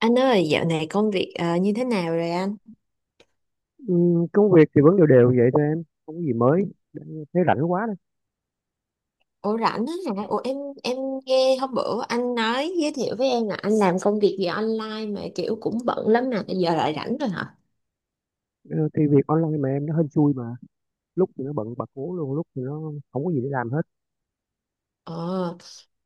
Anh ơi, dạo này công việc như thế nào rồi anh? Công việc thì vẫn đều đều vậy thôi, em không có gì mới. Đã- Thấy rảnh quá đó. Ủa rảnh á hả? Ủa em nghe hôm bữa anh nói giới thiệu với em là anh làm công việc gì online mà kiểu cũng bận lắm mà giờ lại rảnh rồi hả? Ờ, thì việc online mà em, nó hên xui mà, lúc thì nó bận bật cố luôn, lúc thì nó không có gì để làm hết. Ờ,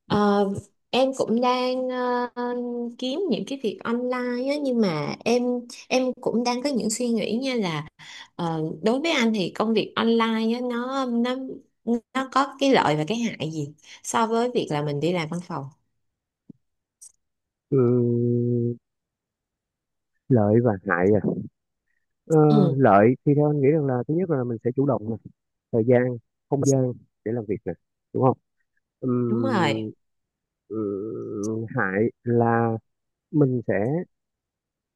ờ, em cũng đang kiếm những cái việc online á nhưng mà em cũng đang có những suy nghĩ như là đối với anh thì công việc online á nó có cái lợi và cái hại gì so với việc là mình đi làm văn phòng? Ừm, Lợi và hại à? Ờ, Ừ, Lợi thì theo anh nghĩ rằng là thứ nhất là mình sẽ chủ động nè, thời gian, không gian để làm việc nè, đúng không? đúng rồi. Ừm, Hại là mình sẽ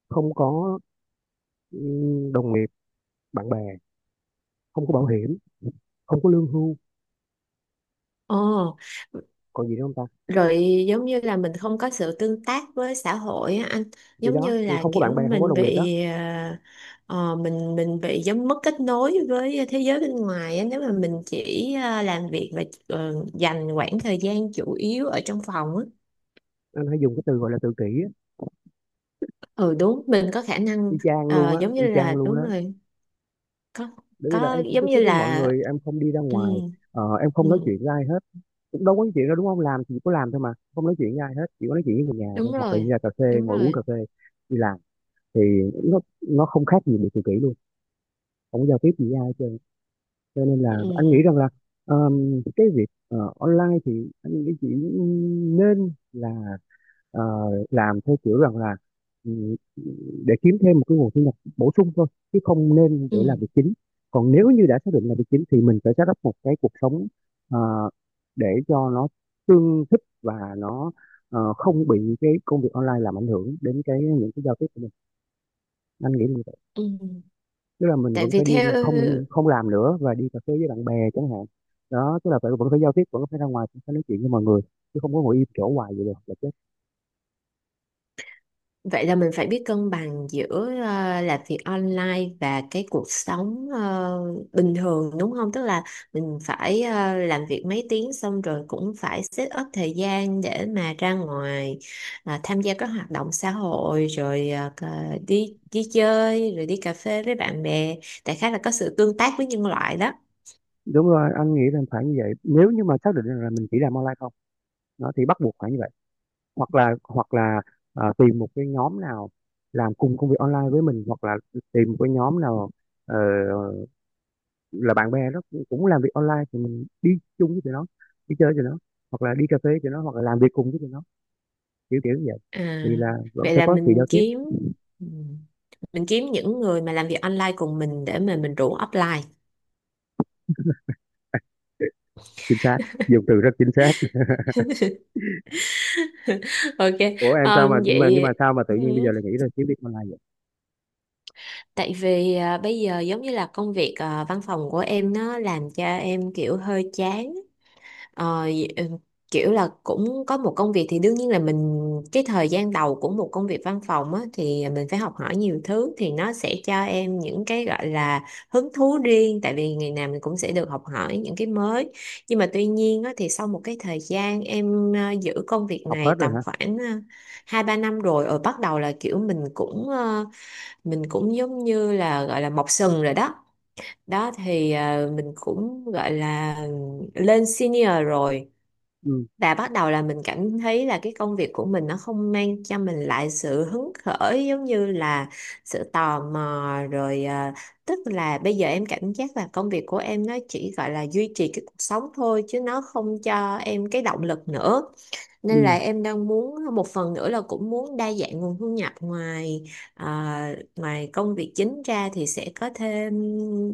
không có đồng nghiệp, bạn bè, không có bảo hiểm, không có lương hưu. Ồ, Còn gì nữa không ta? rồi giống như là mình không có sự tương tác với xã hội á anh, Thì giống đó, như thì là không có bạn kiểu bè, không có mình đồng nghiệp đó. bị mình bị giống mất kết nối với thế giới bên ngoài á, nếu mà mình chỉ làm việc và dành khoảng thời gian chủ yếu ở trong phòng á. Anh hay dùng cái từ gọi là tự kỷ á, Ừ đúng, mình có khả y năng chang luôn á, giống y như chang là luôn đúng đó. rồi, có Bởi vì là có em không tiếp giống như xúc với mọi là người, em không đi ra ừ, ngoài, em không nói ừ, chuyện với ai hết. Cũng đâu có nói chuyện đâu, đúng không? Làm thì chỉ có làm thôi mà không nói chuyện với ai hết, chỉ có nói chuyện với người nhà thôi đúng hoặc là đi rồi, ra cà phê đúng ngồi uống cà rồi. phê. Đi làm thì nó nó không khác gì bị tự kỷ luôn, không có giao tiếp gì với ai hết trơn. Cho nên là anh nghĩ Ừ, rằng là cái việc online thì anh nghĩ chỉ nên là ờ, làm theo kiểu rằng là ừ, để kiếm thêm một cái nguồn thu nhập bổ sung thôi, chứ không nên để làm ừ, việc chính. Còn nếu như đã xác định là việc chính thì mình phải set up một cái cuộc sống, ờ, để cho nó tương thích và nó không bị cái công việc online làm ảnh hưởng đến cái những cái giao tiếp của mình. Anh nghĩ như vậy. ừ. ừ. Tức là mình Tại vẫn vì phải đi, theo không không làm nữa và đi cà phê với bạn bè chẳng hạn. Đó, tức là phải vẫn phải giao tiếp, vẫn phải ra ngoài, vẫn phải nói chuyện với mọi người, chứ không có ngồi im chỗ hoài vậy được. vậy là mình phải biết cân bằng giữa làm việc online và cái cuộc sống bình thường đúng không? Tức là mình phải làm việc mấy tiếng xong rồi cũng phải set up thời gian để mà ra ngoài, à, tham gia các hoạt động xã hội rồi đi đi chơi rồi đi cà phê với bạn bè. Đại khái là có sự tương tác với nhân loại đó. Đúng rồi, anh nghĩ là phải như vậy. Nếu như mà xác định rằng là mình chỉ làm online không nó thì bắt buộc phải như vậy. Hoặc là tìm một cái nhóm nào làm cùng công việc online với mình, hoặc là tìm một cái nhóm nào ờ, là bạn bè đó cũng làm việc online thì mình đi chung với tụi nó, đi chơi với tụi nó, hoặc là đi cà phê với tụi nó, hoặc là làm việc cùng với tụi nó, kiểu kiểu như vậy, À, thì là vẫn vậy sẽ là có sự mình giao tiếp. kiếm, ừ, mình kiếm những người mà làm việc online cùng mình để mà mình rủ offline. Chính xác, dùng từ rất chính xác. Ok, Ủa em sao mà, nhưng mà vậy sao mà tự ừ, nhiên bây giờ lại nghĩ là kiếm việc online vậy? tại vì à, bây giờ giống như là công việc à, văn phòng của em nó làm cho em kiểu hơi chán. Ờ, kiểu là cũng có một công việc thì đương nhiên là mình, cái thời gian đầu của một công việc văn phòng á, thì mình phải học hỏi nhiều thứ thì nó sẽ cho em những cái gọi là hứng thú riêng tại vì ngày nào mình cũng sẽ được học hỏi những cái mới, nhưng mà tuy nhiên á, thì sau một cái thời gian em giữ công việc Học hết này rồi tầm hả? khoảng hai ba năm rồi rồi bắt đầu là kiểu mình cũng mình cũng giống như là gọi là mọc sừng rồi đó, đó thì mình cũng gọi là lên senior rồi, Ừ, và bắt đầu là mình cảm thấy là cái công việc của mình nó không mang cho mình lại sự hứng khởi giống như là sự tò mò rồi à, tức là bây giờ em cảm giác là công việc của em nó chỉ gọi là duy trì cái cuộc sống thôi chứ nó không cho em cái động lực nữa, nên ừ. là em đang muốn một phần nữa là cũng muốn đa dạng nguồn thu nhập ngoài, à, ngoài công việc chính ra thì sẽ có thêm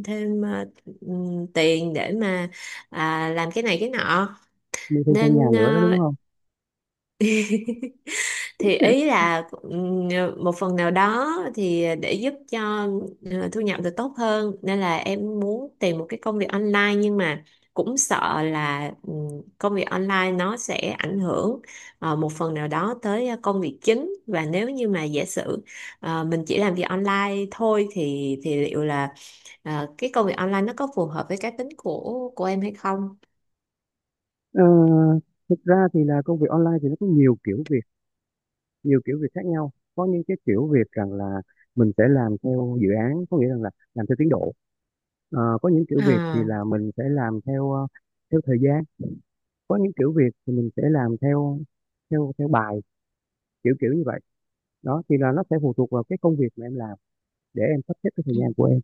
thêm à, tiền để mà à, làm cái này cái nọ, Mua thêm căn nhà nên nữa đó, đúng ờ, không? thì ý là một phần nào đó thì để giúp cho thu nhập được tốt hơn nên là em muốn tìm một cái công việc online nhưng mà cũng sợ là công việc online nó sẽ ảnh hưởng một phần nào đó tới công việc chính, và nếu như mà giả sử mình chỉ làm việc online thôi thì liệu là cái công việc online nó có phù hợp với cá tính của em hay không? Ờ, Thực ra thì là công việc online thì nó có nhiều kiểu việc khác nhau. Có những cái kiểu việc rằng là mình sẽ làm theo dự án, có nghĩa rằng là làm theo tiến độ. Có những kiểu việc thì À. là mình sẽ làm theo theo thời gian. Có những kiểu việc thì mình sẽ làm theo theo theo bài, kiểu kiểu như vậy. Đó thì là nó sẽ phụ thuộc vào cái công việc mà em làm để em sắp xếp cái thời gian của em,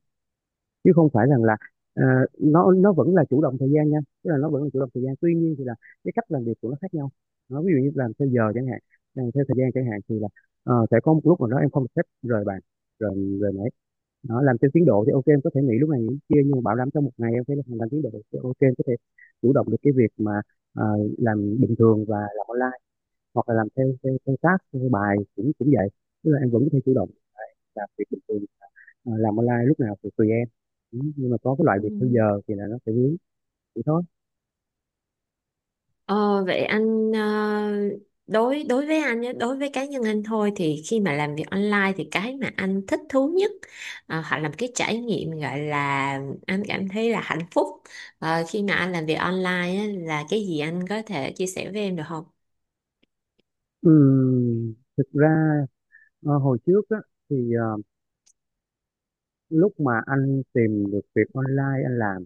chứ không phải rằng là ờ, nó vẫn là chủ động thời gian nha. Tức là nó vẫn là chủ động thời gian, tuy nhiên thì là cái cách làm việc của nó khác nhau. Nó ví dụ như làm theo giờ chẳng hạn, làm theo thời gian chẳng hạn, thì là sẽ có một lúc mà đó em không xếp rời bàn, rồi rồi nãy. Nó làm theo tiến độ thì ok em có thể nghỉ lúc này nghỉ lúc kia, nhưng mà bảo đảm trong một ngày em phải làm tiến độ thì ok em có thể chủ động được cái việc mà ờ, làm bình thường và làm online. Hoặc là làm theo theo, theo task, theo bài, cũng cũng vậy. Tức là em vẫn có thể chủ động làm việc bình thường, làm online lúc nào thì tùy em. Ừ, nhưng mà có cái loại Ừ. việc theo giờ thì là nó sẽ vướng vậy thôi. Ờ, vậy anh ờ, đối đối với anh nhé, đối với cá nhân anh thôi thì khi mà làm việc online thì cái mà anh thích thú nhất hoặc là một cái trải nghiệm gọi là anh cảm thấy là hạnh phúc khi mà anh làm việc online á, là cái gì anh có thể chia sẻ với em được không? Thực ra hồi trước á thì lúc mà anh tìm được việc online anh làm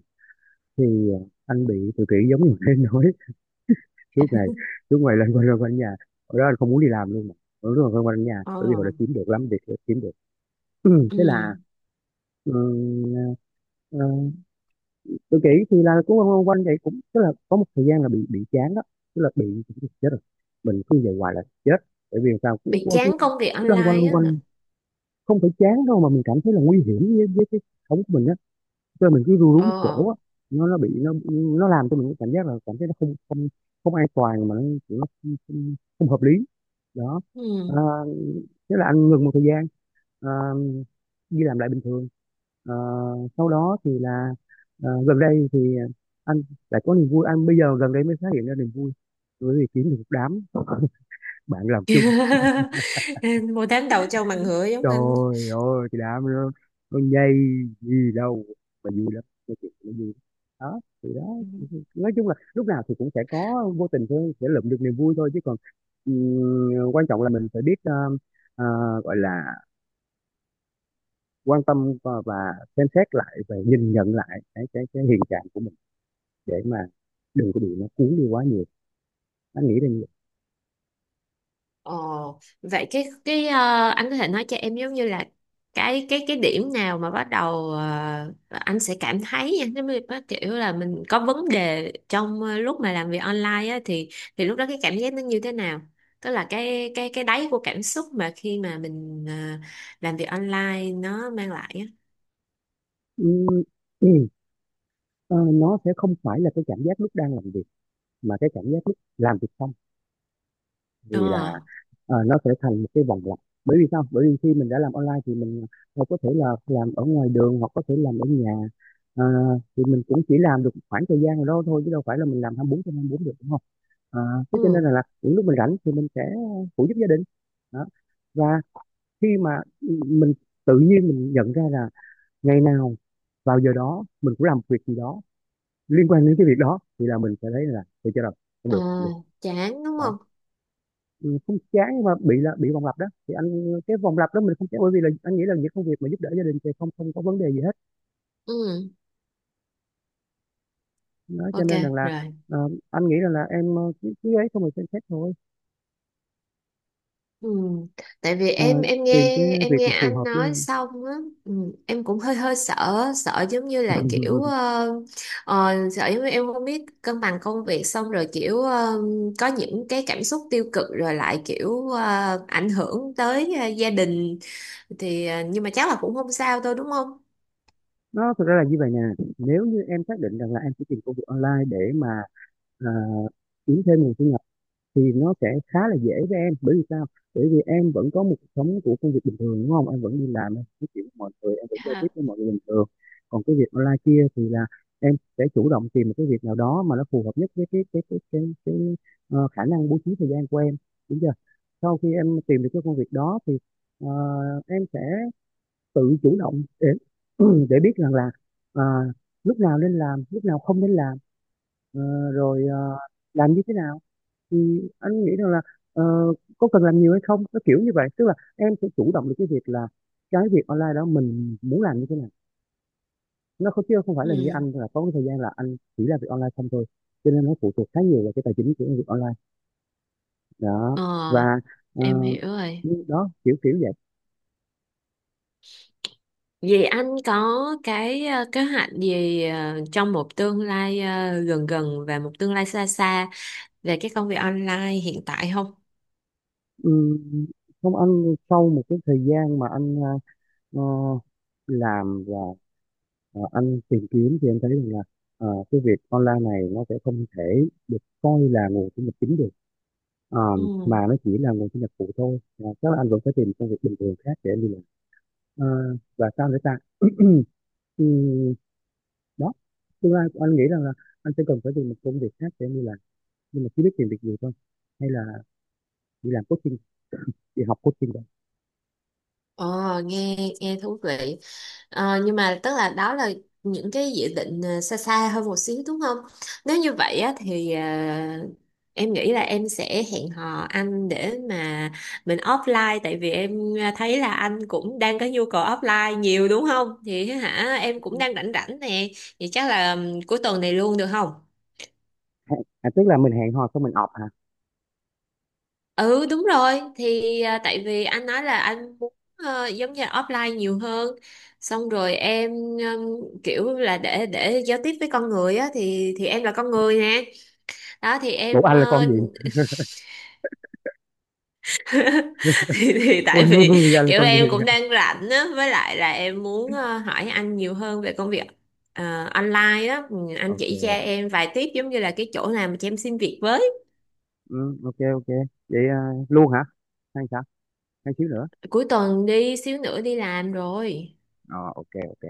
thì anh bị tự kỷ giống như em nói. lúc ngày lúc ngày lên quanh nhà, ở đó anh không muốn đi làm luôn mà. Lúc đó là quanh quanh nhà, Ờ, bởi vì họ đã kiếm được lắm việc đã kiếm được. ừ. Thế là ừ, tự kỷ thì là cũng quanh quanh quanh vậy, cũng tức là có một thời gian là bị chán đó, tức là bị chết rồi, mình cứ về hoài là chết. Bởi vì sao, cứ, Bị cứ, cứ chán công việc cứ loanh quanh online loanh á hả? quanh. Không phải chán đâu mà mình cảm thấy là nguy hiểm với cái sống của mình á, cho nên mình cứ ru rú một Ờ. chỗ á. Nó nó bị nó nó làm cho mình cái cảm giác là cảm thấy nó không không không an toàn, mà nó không hợp lý đó. à, Ừ. Thế là anh ngừng một thời gian, ờ, đi làm lại bình thường. Ờ, Sau đó thì là gần đây thì anh lại có niềm vui, anh bây giờ gần đây mới phát hiện ra niềm vui, bởi vì kiếm được một đám bạn làm chung. Một tháng đầu trâu mà ngựa giống anh. Trời ơi, cái đám nó nhây gì đâu mà vui lắm, nói chuyện nó vui lắm. Đó thì đó, nói chung là lúc nào thì cũng sẽ có vô tình thôi sẽ lượm được niềm vui thôi, chứ còn ừ, quan trọng là mình phải biết ờ, gọi là quan tâm và xem xét lại và nhìn nhận lại cái hiện trạng của mình, để mà đừng có bị nó cuốn đi quá nhiều. Anh nghĩ là như vậy. Ồ, vậy cái anh có thể nói cho em giống như là cái điểm nào mà bắt đầu anh sẽ cảm thấy nha, giống như bắt kiểu là mình có vấn đề trong lúc mà làm việc online á thì lúc đó cái cảm giác nó như thế nào? Tức là cái đáy của cảm xúc mà khi mà mình làm việc online nó mang lại á. Ừm, ờ, nó sẽ không phải là cái cảm giác lúc đang làm việc, mà cái cảm giác lúc làm việc xong, vì Ờ, là nó sẽ thành một cái vòng lặp. Bởi vì sao? Bởi vì khi mình đã làm online thì mình có thể là làm ở ngoài đường hoặc có thể làm ở nhà. Ờ, thì mình cũng chỉ làm được khoảng thời gian nào đó thôi, chứ đâu phải là mình làm 24/24 được, đúng không? à, Thế cho nên ừ, là những lúc mình rảnh thì mình sẽ phụ giúp gia đình đó. Và khi mà mình tự nhiên mình nhận ra là ngày nào vào giờ đó mình cũng làm việc gì đó liên quan đến cái việc đó thì là mình sẽ thấy là thì cho rồi. Không ờ, được, không được. chán đúng Đó. không? Ừ, không chán nhưng mà bị là bị vòng lặp đó thì anh, cái vòng lặp đó mình không chán, bởi vì là anh nghĩ là những công việc mà giúp đỡ gia đình thì không không có vấn đề gì hết Ừ, đó. Cho ok nên rằng là rồi. Anh nghĩ rằng là em cứ cứ ấy xong rồi xem xét thôi. Ừ. Tại vì Ờ, em Tìm cái nghe em việc nghe mà phù anh hợp với nói xong á, ừ. Em cũng hơi hơi sợ, sợ giống như là kiểu em. Sợ giống như em không biết cân bằng công việc xong rồi kiểu có những cái cảm xúc tiêu cực rồi lại kiểu ảnh hưởng tới gia đình, thì nhưng mà chắc là cũng không sao thôi đúng không? Nó thực ra là như vậy nè, nếu như em xác định rằng là em sẽ tìm công việc online để mà à, kiếm thêm nguồn thu nhập thì nó sẽ khá là dễ với em. Bởi vì sao? Bởi vì em vẫn có một cuộc sống của công việc bình thường, đúng không? Em vẫn đi làm, em nói chuyện với mọi người, em vẫn giao tiếp Dạ. với mọi người bình thường. Còn cái việc online kia thì là em sẽ chủ động tìm một cái việc nào đó mà nó phù hợp nhất với cái khả năng bố trí thời gian của em, đúng chưa? Sau khi em tìm được cái công việc đó thì ờ, em sẽ tự chủ động để để biết rằng là à, lúc nào nên làm, lúc nào không nên làm, rồi làm như thế nào, thì anh nghĩ rằng là ờ, có cần làm nhiều hay không, nó kiểu như vậy. Tức là em sẽ chủ động được cái việc là cái việc online đó mình muốn làm như thế nào, nó không, chứ không phải là như Ừ. anh là có cái thời gian là anh chỉ làm việc online không thôi. Cho nên nó phụ thuộc khá nhiều vào cái tài chính của việc online đó. Ờ, Và ờ, em hiểu rồi. đó kiểu kiểu vậy. Vậy anh có cái kế hoạch gì trong một tương lai gần gần và một tương lai xa xa về cái công việc online hiện tại không? Ừm, Không, anh sau một cái thời gian mà anh ờ, làm và anh tìm kiếm thì anh thấy rằng là cái việc online này nó sẽ không thể được coi là nguồn thu nhập chính được. Ờ, mà Ừ. nó chỉ là nguồn thu nhập phụ thôi. Ờ, Chắc là anh vẫn phải tìm công việc bình thường khác để anh đi làm. Ờ, và sao nữa ta? Ừ, Đó, tương lai của anh nghĩ rằng là anh sẽ cần phải tìm một công việc khác để anh đi làm, nhưng mà chỉ biết tìm việc gì thôi, hay là đi làm coaching, đi học coaching rồi. Ờ, nghe nghe thú vị. Ờ, nhưng mà tức là đó là những cái dự định xa xa hơn một xíu đúng không? Nếu như vậy á, thì em nghĩ là em sẽ hẹn hò anh để mà mình offline tại vì em thấy là anh cũng đang có nhu cầu offline nhiều đúng không? Thì hả em cũng đang rảnh rảnh nè. Vậy chắc là cuối tuần này luôn được không? Tức là mình hẹn hò xong mình ọp hả? Ừ đúng rồi, thì à, tại vì anh nói là anh muốn giống như là offline nhiều hơn, xong rồi em kiểu là để giao tiếp với con người á thì em là con người nè, đó thì Ủa em anh là con ờ, gì? Thì tại Ôi vì anh là kiểu con gì? em cũng đang rảnh á với lại là em muốn hỏi anh nhiều hơn về công việc online á. Ừ, anh chỉ cho Ok, em vài tiếp giống như là cái chỗ nào mà cho em xin việc với ừ, ok, ok. Vậy luôn hả? Hay sao? Hay xíu nữa? cuối tuần đi xíu nữa đi làm rồi, Ờ, ok, ok.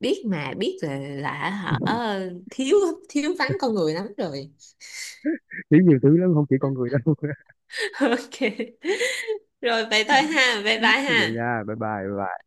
biết mà biết là hả, thiếu thiếu vắng con người lắm rồi. Xíu nhiều thứ lắm, không chỉ con người đâu. Ok rồi vậy thôi ha, bye bye Vậy ha. nha, bye bye bye bye.